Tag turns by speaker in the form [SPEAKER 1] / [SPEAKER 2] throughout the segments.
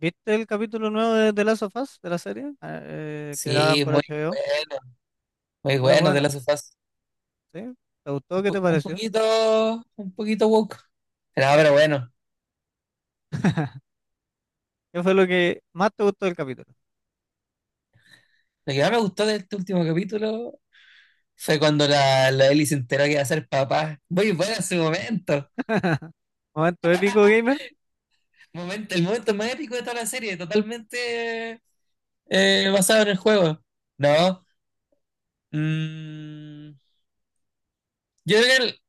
[SPEAKER 1] ¿Viste el capítulo nuevo de The Last of Us, de la serie? Que daban
[SPEAKER 2] Sí,
[SPEAKER 1] por
[SPEAKER 2] muy
[SPEAKER 1] HBO.
[SPEAKER 2] bueno, muy
[SPEAKER 1] Muy
[SPEAKER 2] bueno de
[SPEAKER 1] bueno,
[SPEAKER 2] las sofás.
[SPEAKER 1] ¿sí? ¿Te gustó? ¿Qué te pareció?
[SPEAKER 2] Un poquito woke. Pero bueno,
[SPEAKER 1] ¿Qué fue lo que más te gustó del capítulo?
[SPEAKER 2] lo que más me gustó de este último capítulo fue cuando la Ellie se enteró que iba a ser papá. Muy bueno ese momento.
[SPEAKER 1] ¿Momento épico, gamer?
[SPEAKER 2] El momento más épico de toda la serie, totalmente basado en el juego. No. mm, yo creo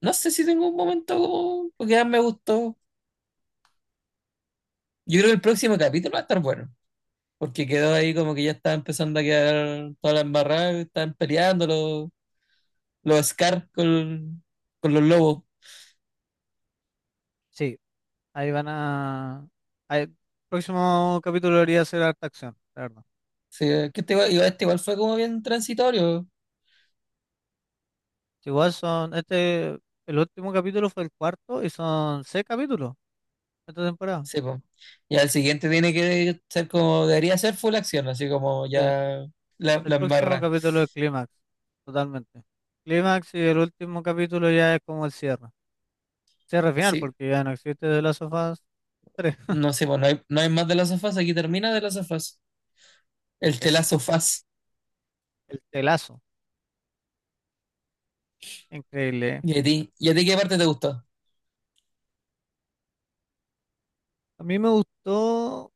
[SPEAKER 2] no sé si tengo un momento como que más me gustó. Yo creo que el próximo capítulo va a estar bueno, porque quedó ahí como que ya estaba empezando a quedar toda la embarrada, estaban peleando los Scar con los lobos.
[SPEAKER 1] Sí, ahí van a... ahí- El próximo capítulo debería ser harta acción, la verdad.
[SPEAKER 2] Sí, que este, este igual fue como bien transitorio.
[SPEAKER 1] Si Igual son... Este, El último capítulo fue el cuarto y son seis capítulos esta temporada.
[SPEAKER 2] Sí, po. Ya el siguiente tiene que ser como, debería ser full acción, así como
[SPEAKER 1] Sí,
[SPEAKER 2] ya
[SPEAKER 1] el
[SPEAKER 2] la
[SPEAKER 1] próximo
[SPEAKER 2] embarra.
[SPEAKER 1] capítulo es clímax, totalmente. Clímax y el último capítulo ya es como el cierre. Cierre final,
[SPEAKER 2] Sí,
[SPEAKER 1] porque ya no existe de Last of Us 3.
[SPEAKER 2] no sé, pues no hay, no hay más de las sofás, aquí termina de las sofás. El
[SPEAKER 1] Es
[SPEAKER 2] telazo faz.
[SPEAKER 1] el telazo. Increíble.
[SPEAKER 2] ¿Y a ti? ¿Y a ti qué parte te gustó?
[SPEAKER 1] A mí me gustó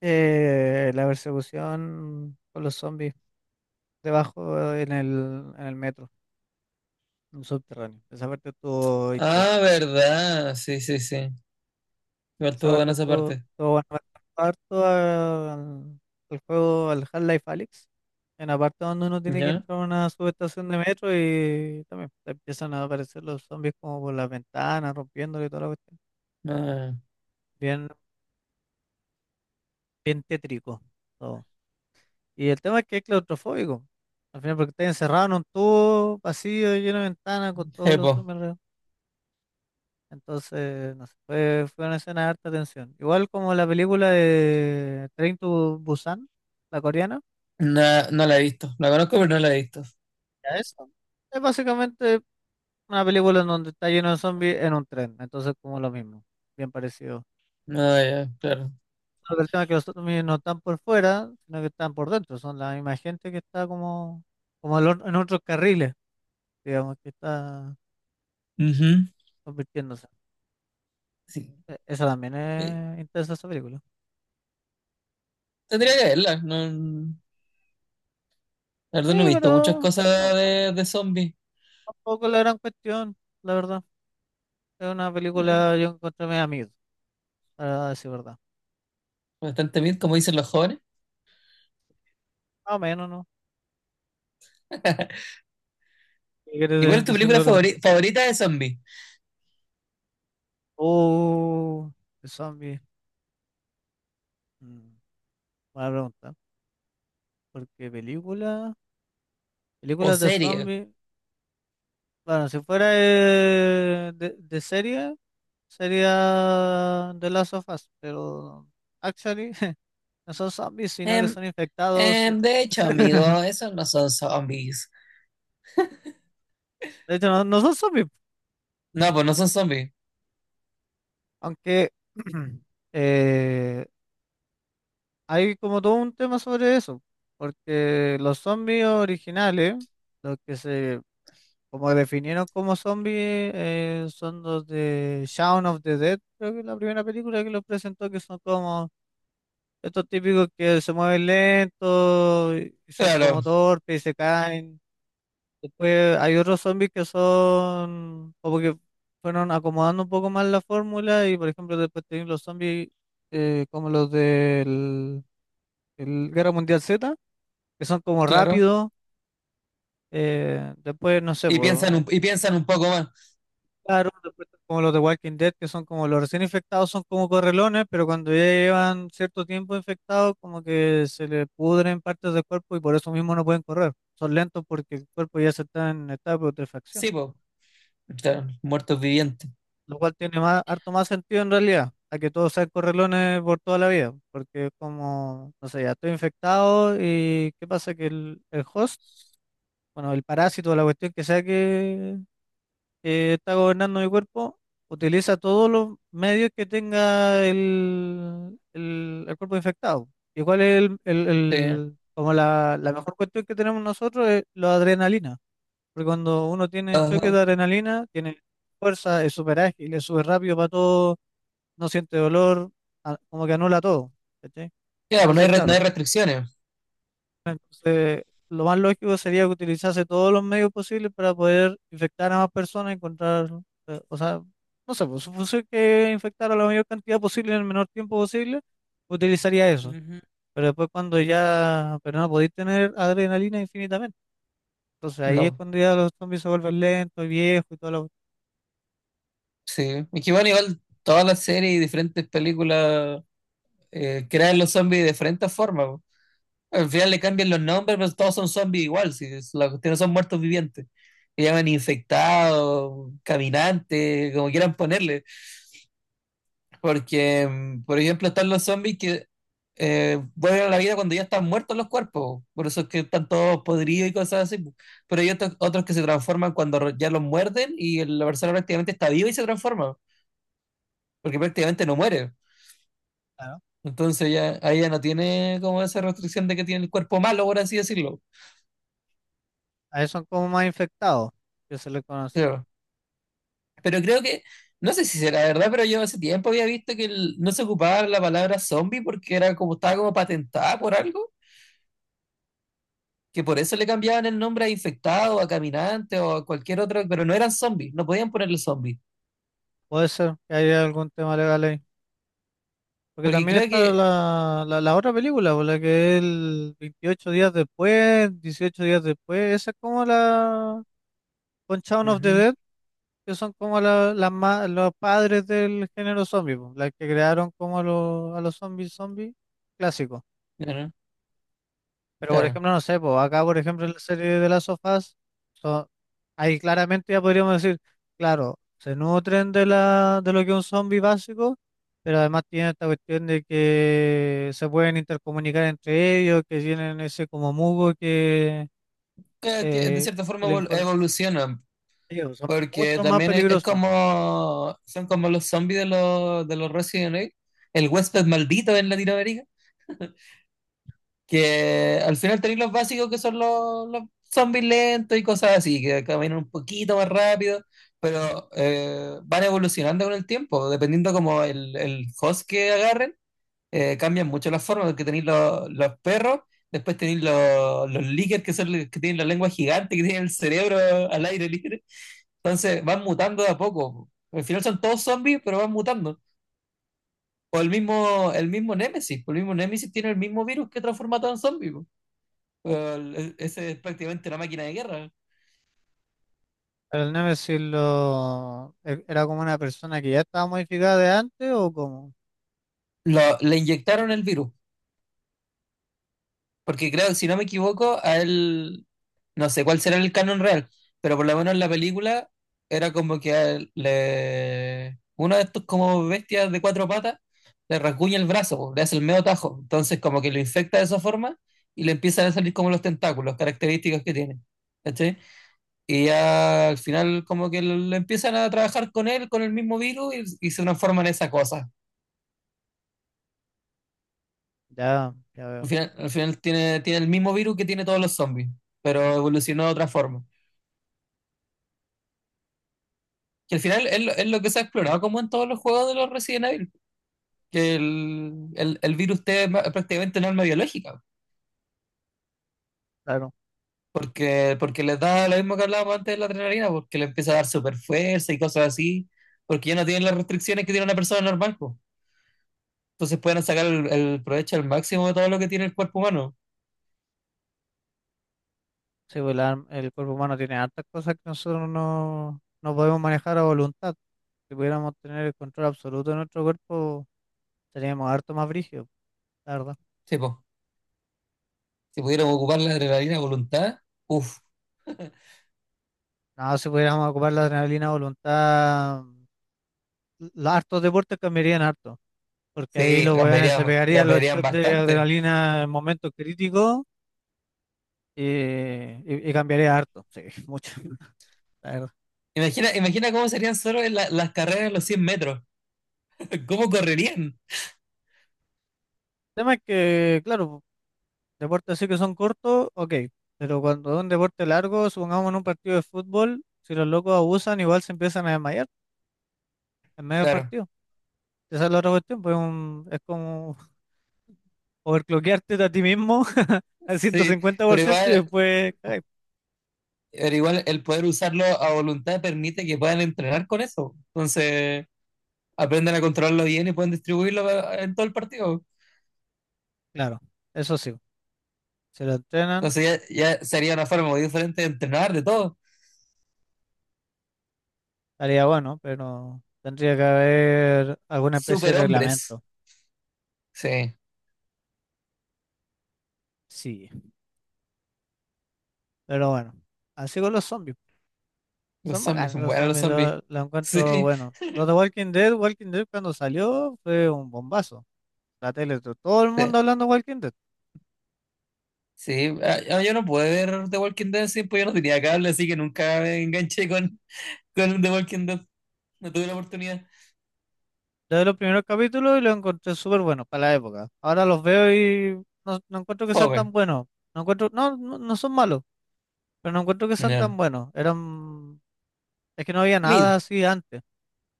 [SPEAKER 1] la persecución con los zombies debajo en el metro, en el subterráneo. Esa parte estuvo intensa.
[SPEAKER 2] Ah, verdad, sí, sí, sí. Igual
[SPEAKER 1] Esa
[SPEAKER 2] estuvo
[SPEAKER 1] parte
[SPEAKER 2] buena esa parte.
[SPEAKER 1] estuvo bueno. Me atrapó harto al juego, al Half-Life Alyx. En la parte donde uno tiene que
[SPEAKER 2] ¿Ya?
[SPEAKER 1] entrar a una subestación de metro y también te empiezan a aparecer los zombies como por las ventanas, rompiéndole y toda la cuestión.
[SPEAKER 2] Ah,
[SPEAKER 1] Bien Bien tétrico todo. Y el tema es que es claustrofóbico, al final, porque estás encerrado en un tubo vacío, lleno de ventanas, con todos los zombies alrededor. Entonces, no sé, fue una escena de harta tensión. Igual como la película de Train to Busan, la coreana,
[SPEAKER 2] no, no la he visto. La conozco, pero no la he visto.
[SPEAKER 1] ya eso. Es básicamente una película en donde está lleno de zombies en un tren. Entonces, como lo mismo, bien parecido.
[SPEAKER 2] No, ya, claro.
[SPEAKER 1] Solo que el tema es que los zombies no están por fuera, sino que están por dentro. Son la misma gente que está como en otros carriles, digamos que está
[SPEAKER 2] Ujú.
[SPEAKER 1] convirtiéndose.
[SPEAKER 2] Sí.
[SPEAKER 1] Esa también
[SPEAKER 2] Eh,
[SPEAKER 1] es intensa, esa película.
[SPEAKER 2] tendría que verla. No, la
[SPEAKER 1] Sí,
[SPEAKER 2] verdad no he visto muchas
[SPEAKER 1] pero no-
[SPEAKER 2] cosas
[SPEAKER 1] no-
[SPEAKER 2] de zombies.
[SPEAKER 1] tampoco es la gran cuestión, la verdad. Es una
[SPEAKER 2] Mm,
[SPEAKER 1] película, yo encontré medio amigo, para decir verdad.
[SPEAKER 2] Bastante bien, como dicen los jóvenes.
[SPEAKER 1] Más o menos, ¿no? ¿Qué
[SPEAKER 2] ¿Y cuál
[SPEAKER 1] quieres
[SPEAKER 2] es tu película
[SPEAKER 1] decirlo de otra?
[SPEAKER 2] favorita de zombies?
[SPEAKER 1] Oh, de zombies. Mm, Buena pregunta. Porque película,
[SPEAKER 2] ¿O
[SPEAKER 1] Películas de
[SPEAKER 2] serie?
[SPEAKER 1] zombies, bueno, si fuera de serie, sería The Last of Us, pero actually no son zombies, sino que
[SPEAKER 2] Em,
[SPEAKER 1] son infectados. Sí.
[SPEAKER 2] de hecho, amigo, esos no son zombies.
[SPEAKER 1] De hecho, no son zombies,
[SPEAKER 2] No, pues no son zombies.
[SPEAKER 1] aunque eh, hay como todo un tema sobre eso, porque los zombies originales, los que se como definieron como zombies, son los de Shaun of the Dead, creo que es la primera película que los presentó, que son como estos típicos que se mueven lentos y son
[SPEAKER 2] Claro,
[SPEAKER 1] como torpes y se caen. Después hay otros zombies que son como que fueron acomodando un poco más la fórmula y por ejemplo después tienen los zombies eh, como los del, del Guerra Mundial Z, que son como
[SPEAKER 2] claro.
[SPEAKER 1] rápidos, después no sé,
[SPEAKER 2] Y piensan
[SPEAKER 1] pues,
[SPEAKER 2] y piensan un poco más.
[SPEAKER 1] claro, después están como los de Walking Dead, que son como los recién infectados, son como correlones, pero cuando ya llevan cierto tiempo infectados, como que se les pudren partes del cuerpo y por eso mismo no pueden correr. Son lentos porque el cuerpo ya se está en etapa de putrefacción.
[SPEAKER 2] Sí, pues. Muertos vivientes.
[SPEAKER 1] Lo cual tiene más, harto más sentido en realidad, a que todos sean correlones por toda la vida, porque es como, no sé, ya estoy infectado y ¿qué pasa? Que el host, bueno, el parásito, la cuestión que sea que está gobernando mi cuerpo, utiliza todos los medios que tenga el cuerpo infectado. Igual
[SPEAKER 2] Sí.
[SPEAKER 1] la mejor cuestión que tenemos nosotros es la adrenalina, porque cuando uno tiene choque
[SPEAKER 2] Ajá.
[SPEAKER 1] de adrenalina, tiene fuerza, es súper ágil, es súper rápido para todo, no siente dolor, como que anula todo, ¿cachai?
[SPEAKER 2] Claro, pues no hay,
[SPEAKER 1] Entonces,
[SPEAKER 2] no hay
[SPEAKER 1] claro,
[SPEAKER 2] restricciones.
[SPEAKER 1] entonces, lo más lógico sería que utilizase todos los medios posibles para poder infectar a más personas, y encontrar, o sea, no sé, pues su función que infectar a la mayor cantidad posible en el menor tiempo posible, utilizaría eso. Pero después cuando ya, pero no podéis tener adrenalina infinitamente. Entonces ahí es
[SPEAKER 2] No,
[SPEAKER 1] cuando ya los zombies se vuelven lentos y viejos y todo lo
[SPEAKER 2] sí. Y que bueno, igual todas las series y diferentes películas crean los zombies de diferentes formas, po. Al final le cambian los nombres, pero todos son zombies igual. Si es la cuestión no son muertos vivientes. Le llaman infectados, caminantes, como quieran ponerle. Porque, mm, por ejemplo, están los zombies que vuelven a la vida cuando ya están muertos los cuerpos. Por eso es que están todos podridos y cosas así, po. Pero hay otros, otros que se transforman cuando ya los muerden y la persona prácticamente está viva y se transforma, porque prácticamente no muere.
[SPEAKER 1] claro.
[SPEAKER 2] Entonces ya ahí ya no tiene como esa restricción de que tiene el cuerpo malo, por así decirlo.
[SPEAKER 1] A eso son como más infectados, que se les conoce.
[SPEAKER 2] Pero, pero creo que, no sé si será verdad, pero yo hace tiempo había visto que no se ocupaba la palabra zombie porque era como estaba como patentada por algo, que por eso le cambiaban el nombre a infectado, a caminante o a cualquier otro, pero no eran zombies, no podían ponerle zombie,
[SPEAKER 1] Puede ser que haya algún tema legal ahí. Porque
[SPEAKER 2] porque
[SPEAKER 1] también
[SPEAKER 2] creo
[SPEAKER 1] está
[SPEAKER 2] que...
[SPEAKER 1] la otra película, por la que es el 28 días después, 18 días después, esa es como la con Shaun of the
[SPEAKER 2] Ujú,
[SPEAKER 1] Dead, que son como los padres del género zombie, po, las que crearon como a a los zombies zombies clásicos.
[SPEAKER 2] claro,
[SPEAKER 1] Pero por
[SPEAKER 2] claro.
[SPEAKER 1] ejemplo, no sé, pues acá por ejemplo en la serie de las sofás, son, ahí claramente ya podríamos decir, claro, se nutren de la, de lo que es un zombie básico, pero además tienen esta cuestión de que se pueden intercomunicar entre ellos, que tienen ese como mugo
[SPEAKER 2] Que de
[SPEAKER 1] eh,
[SPEAKER 2] cierta forma
[SPEAKER 1] que le informa
[SPEAKER 2] evolucionan.
[SPEAKER 1] a ellos, son
[SPEAKER 2] Porque
[SPEAKER 1] mucho más
[SPEAKER 2] también es
[SPEAKER 1] peligrosos.
[SPEAKER 2] como, son como los zombies de de los Resident Evil, el huésped maldito en Latinoamérica, que al final tenéis los básicos que son los zombies lentos y cosas así, que caminan un poquito más rápido, pero van evolucionando con el tiempo, dependiendo como el host que agarren. Cambian mucho las formas, porque tenéis los perros, después tenéis los líquers, que son los que tienen la lengua gigante, que tienen el cerebro al aire libre. Entonces van mutando de a poco. Al final son todos zombies, pero van mutando. O el mismo Némesis, pues el mismo Némesis tiene el mismo virus que transforma a todo en zombie, pues. Ese es prácticamente una máquina de guerra.
[SPEAKER 1] El Nemesis lo, era como una persona que ya estaba modificada de antes o como,
[SPEAKER 2] Le inyectaron el virus, porque creo, si no me equivoco, a él no sé cuál será el canon real, pero por lo menos en la película era como que a él le... uno de estos como bestias de cuatro patas le rasguña el brazo, po, le hace el medio tajo, entonces como que lo infecta de esa forma y le empiezan a salir como los tentáculos, características que tiene. ¿Cachai? Y ya al final como que le empiezan a trabajar con él, con el mismo virus y se transforman en esa cosa.
[SPEAKER 1] ya, ya veo.
[SPEAKER 2] Al final tiene, tiene el mismo virus que tiene todos los zombies, pero evolucionó de otra forma, que al final es lo que se ha explorado como en todos los juegos de los Resident Evil, que el virus T es prácticamente un arma biológica,
[SPEAKER 1] Claro.
[SPEAKER 2] porque, porque les da lo mismo que hablábamos antes de la adrenalina, porque le empieza a dar super fuerza y cosas así, porque ya no tienen las restricciones que tiene una persona normal, po. Entonces pueden sacar el provecho al máximo de todo lo que tiene el cuerpo humano.
[SPEAKER 1] Sí, pues el cuerpo humano tiene hartas cosas que nosotros no podemos manejar a voluntad. Si pudiéramos tener el control absoluto de nuestro cuerpo, seríamos harto más brígidos, la verdad.
[SPEAKER 2] Sí, po. Si pudieran ocupar la adrenalina a voluntad, uff,
[SPEAKER 1] No, si pudiéramos ocupar la adrenalina a voluntad, los hartos deportes cambiarían harto, porque ahí
[SPEAKER 2] sí,
[SPEAKER 1] los weones se
[SPEAKER 2] cambiarían,
[SPEAKER 1] pegarían los
[SPEAKER 2] cambiarían
[SPEAKER 1] shots de
[SPEAKER 2] bastante.
[SPEAKER 1] adrenalina en momentos críticos y cambiaría harto, sí, mucho, la verdad.
[SPEAKER 2] Imagina, imagina cómo serían solo en las carreras en los 100 metros, cómo correrían.
[SPEAKER 1] El tema es que, claro, deportes así que son cortos, ok. Pero cuando es un deporte largo, supongamos en un partido de fútbol, si los locos abusan, igual se empiezan a desmayar en medio del
[SPEAKER 2] Claro.
[SPEAKER 1] partido. Esa es la otra cuestión, pues es como overclockearte a ti mismo al
[SPEAKER 2] Sí, pero
[SPEAKER 1] 150% y
[SPEAKER 2] igual,
[SPEAKER 1] después, cagai.
[SPEAKER 2] pero igual el poder usarlo a voluntad permite que puedan entrenar con eso. Entonces, aprenden a controlarlo bien y pueden distribuirlo en todo el partido.
[SPEAKER 1] Claro, eso sí, si lo entrenan,
[SPEAKER 2] Entonces, ya, ya sería una forma muy diferente de entrenar de todo.
[SPEAKER 1] estaría bueno, pero tendría que haber alguna especie de
[SPEAKER 2] Superhombres.
[SPEAKER 1] reglamento.
[SPEAKER 2] Sí,
[SPEAKER 1] Sí, pero bueno, así con los zombies.
[SPEAKER 2] los
[SPEAKER 1] Son
[SPEAKER 2] zombies
[SPEAKER 1] bacanos
[SPEAKER 2] son
[SPEAKER 1] los
[SPEAKER 2] buenos los
[SPEAKER 1] zombies,
[SPEAKER 2] zombies.
[SPEAKER 1] lo encuentro
[SPEAKER 2] Sí,
[SPEAKER 1] bueno. Los de Walking Dead, Walking Dead cuando salió fue un bombazo. La tele, todo el
[SPEAKER 2] sí,
[SPEAKER 1] mundo hablando de Walking Dead.
[SPEAKER 2] sí. Ah, ah, yo no pude ver The Walking Dead, sí, pues yo no tenía cable, así que nunca me enganché con The Walking Dead. No tuve la oportunidad.
[SPEAKER 1] Desde los primeros capítulos y los encontré súper buenos para la época. Ahora los veo y no, no encuentro que sean tan
[SPEAKER 2] Fome.
[SPEAKER 1] buenos. No encuentro, no son malos, pero no encuentro que sean
[SPEAKER 2] No.
[SPEAKER 1] tan buenos. Eran, es que no había nada
[SPEAKER 2] Mid.
[SPEAKER 1] así antes,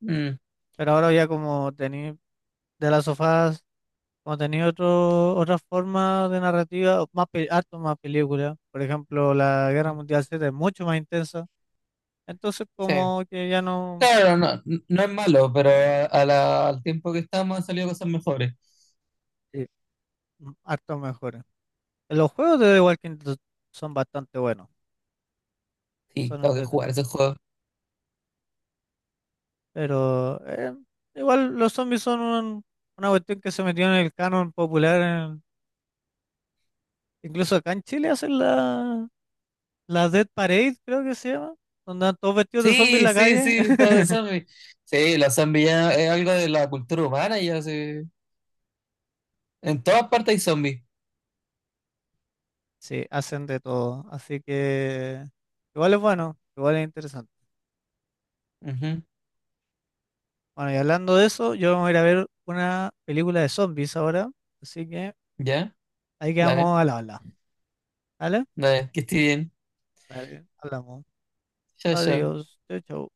[SPEAKER 2] Mm.
[SPEAKER 1] pero ahora ya como tení de las sofás, como tenía otra forma de narrativa, o más, harto más películas. Por ejemplo, la Guerra Mundial Z es mucho más intensa. Entonces,
[SPEAKER 2] Sí.
[SPEAKER 1] como que ya no,
[SPEAKER 2] Claro, no, no es malo, pero al tiempo que estamos han salido cosas mejores.
[SPEAKER 1] sí, mm, harto mejores. Los juegos de The Walking Dead son bastante buenos,
[SPEAKER 2] Sí,
[SPEAKER 1] son
[SPEAKER 2] tengo que jugar
[SPEAKER 1] entretenidos.
[SPEAKER 2] ese juego.
[SPEAKER 1] Pero igual los zombies son una cuestión que se metió en el canon popular. Incluso acá en Chile hacen la Dead Parade, creo que se llama, donde andan todos vestidos de zombies en
[SPEAKER 2] Sí,
[SPEAKER 1] la
[SPEAKER 2] sí,
[SPEAKER 1] calle.
[SPEAKER 2] sí, todo de zombies. Sí, los zombies ya es algo de la cultura humana, ya sí. En todas partes hay zombies.
[SPEAKER 1] Sí, hacen de todo. Así que igual es bueno, igual es interesante.
[SPEAKER 2] Ujú,
[SPEAKER 1] Bueno, y hablando de eso, yo voy a ir a ver una película de zombies ahora. Así que
[SPEAKER 2] ya,
[SPEAKER 1] ahí
[SPEAKER 2] dale,
[SPEAKER 1] quedamos al habla. ¿Vale?
[SPEAKER 2] dale, que esté bien.
[SPEAKER 1] Vale, hablamos.
[SPEAKER 2] Chao, chao.
[SPEAKER 1] Adiós. Chau, chau.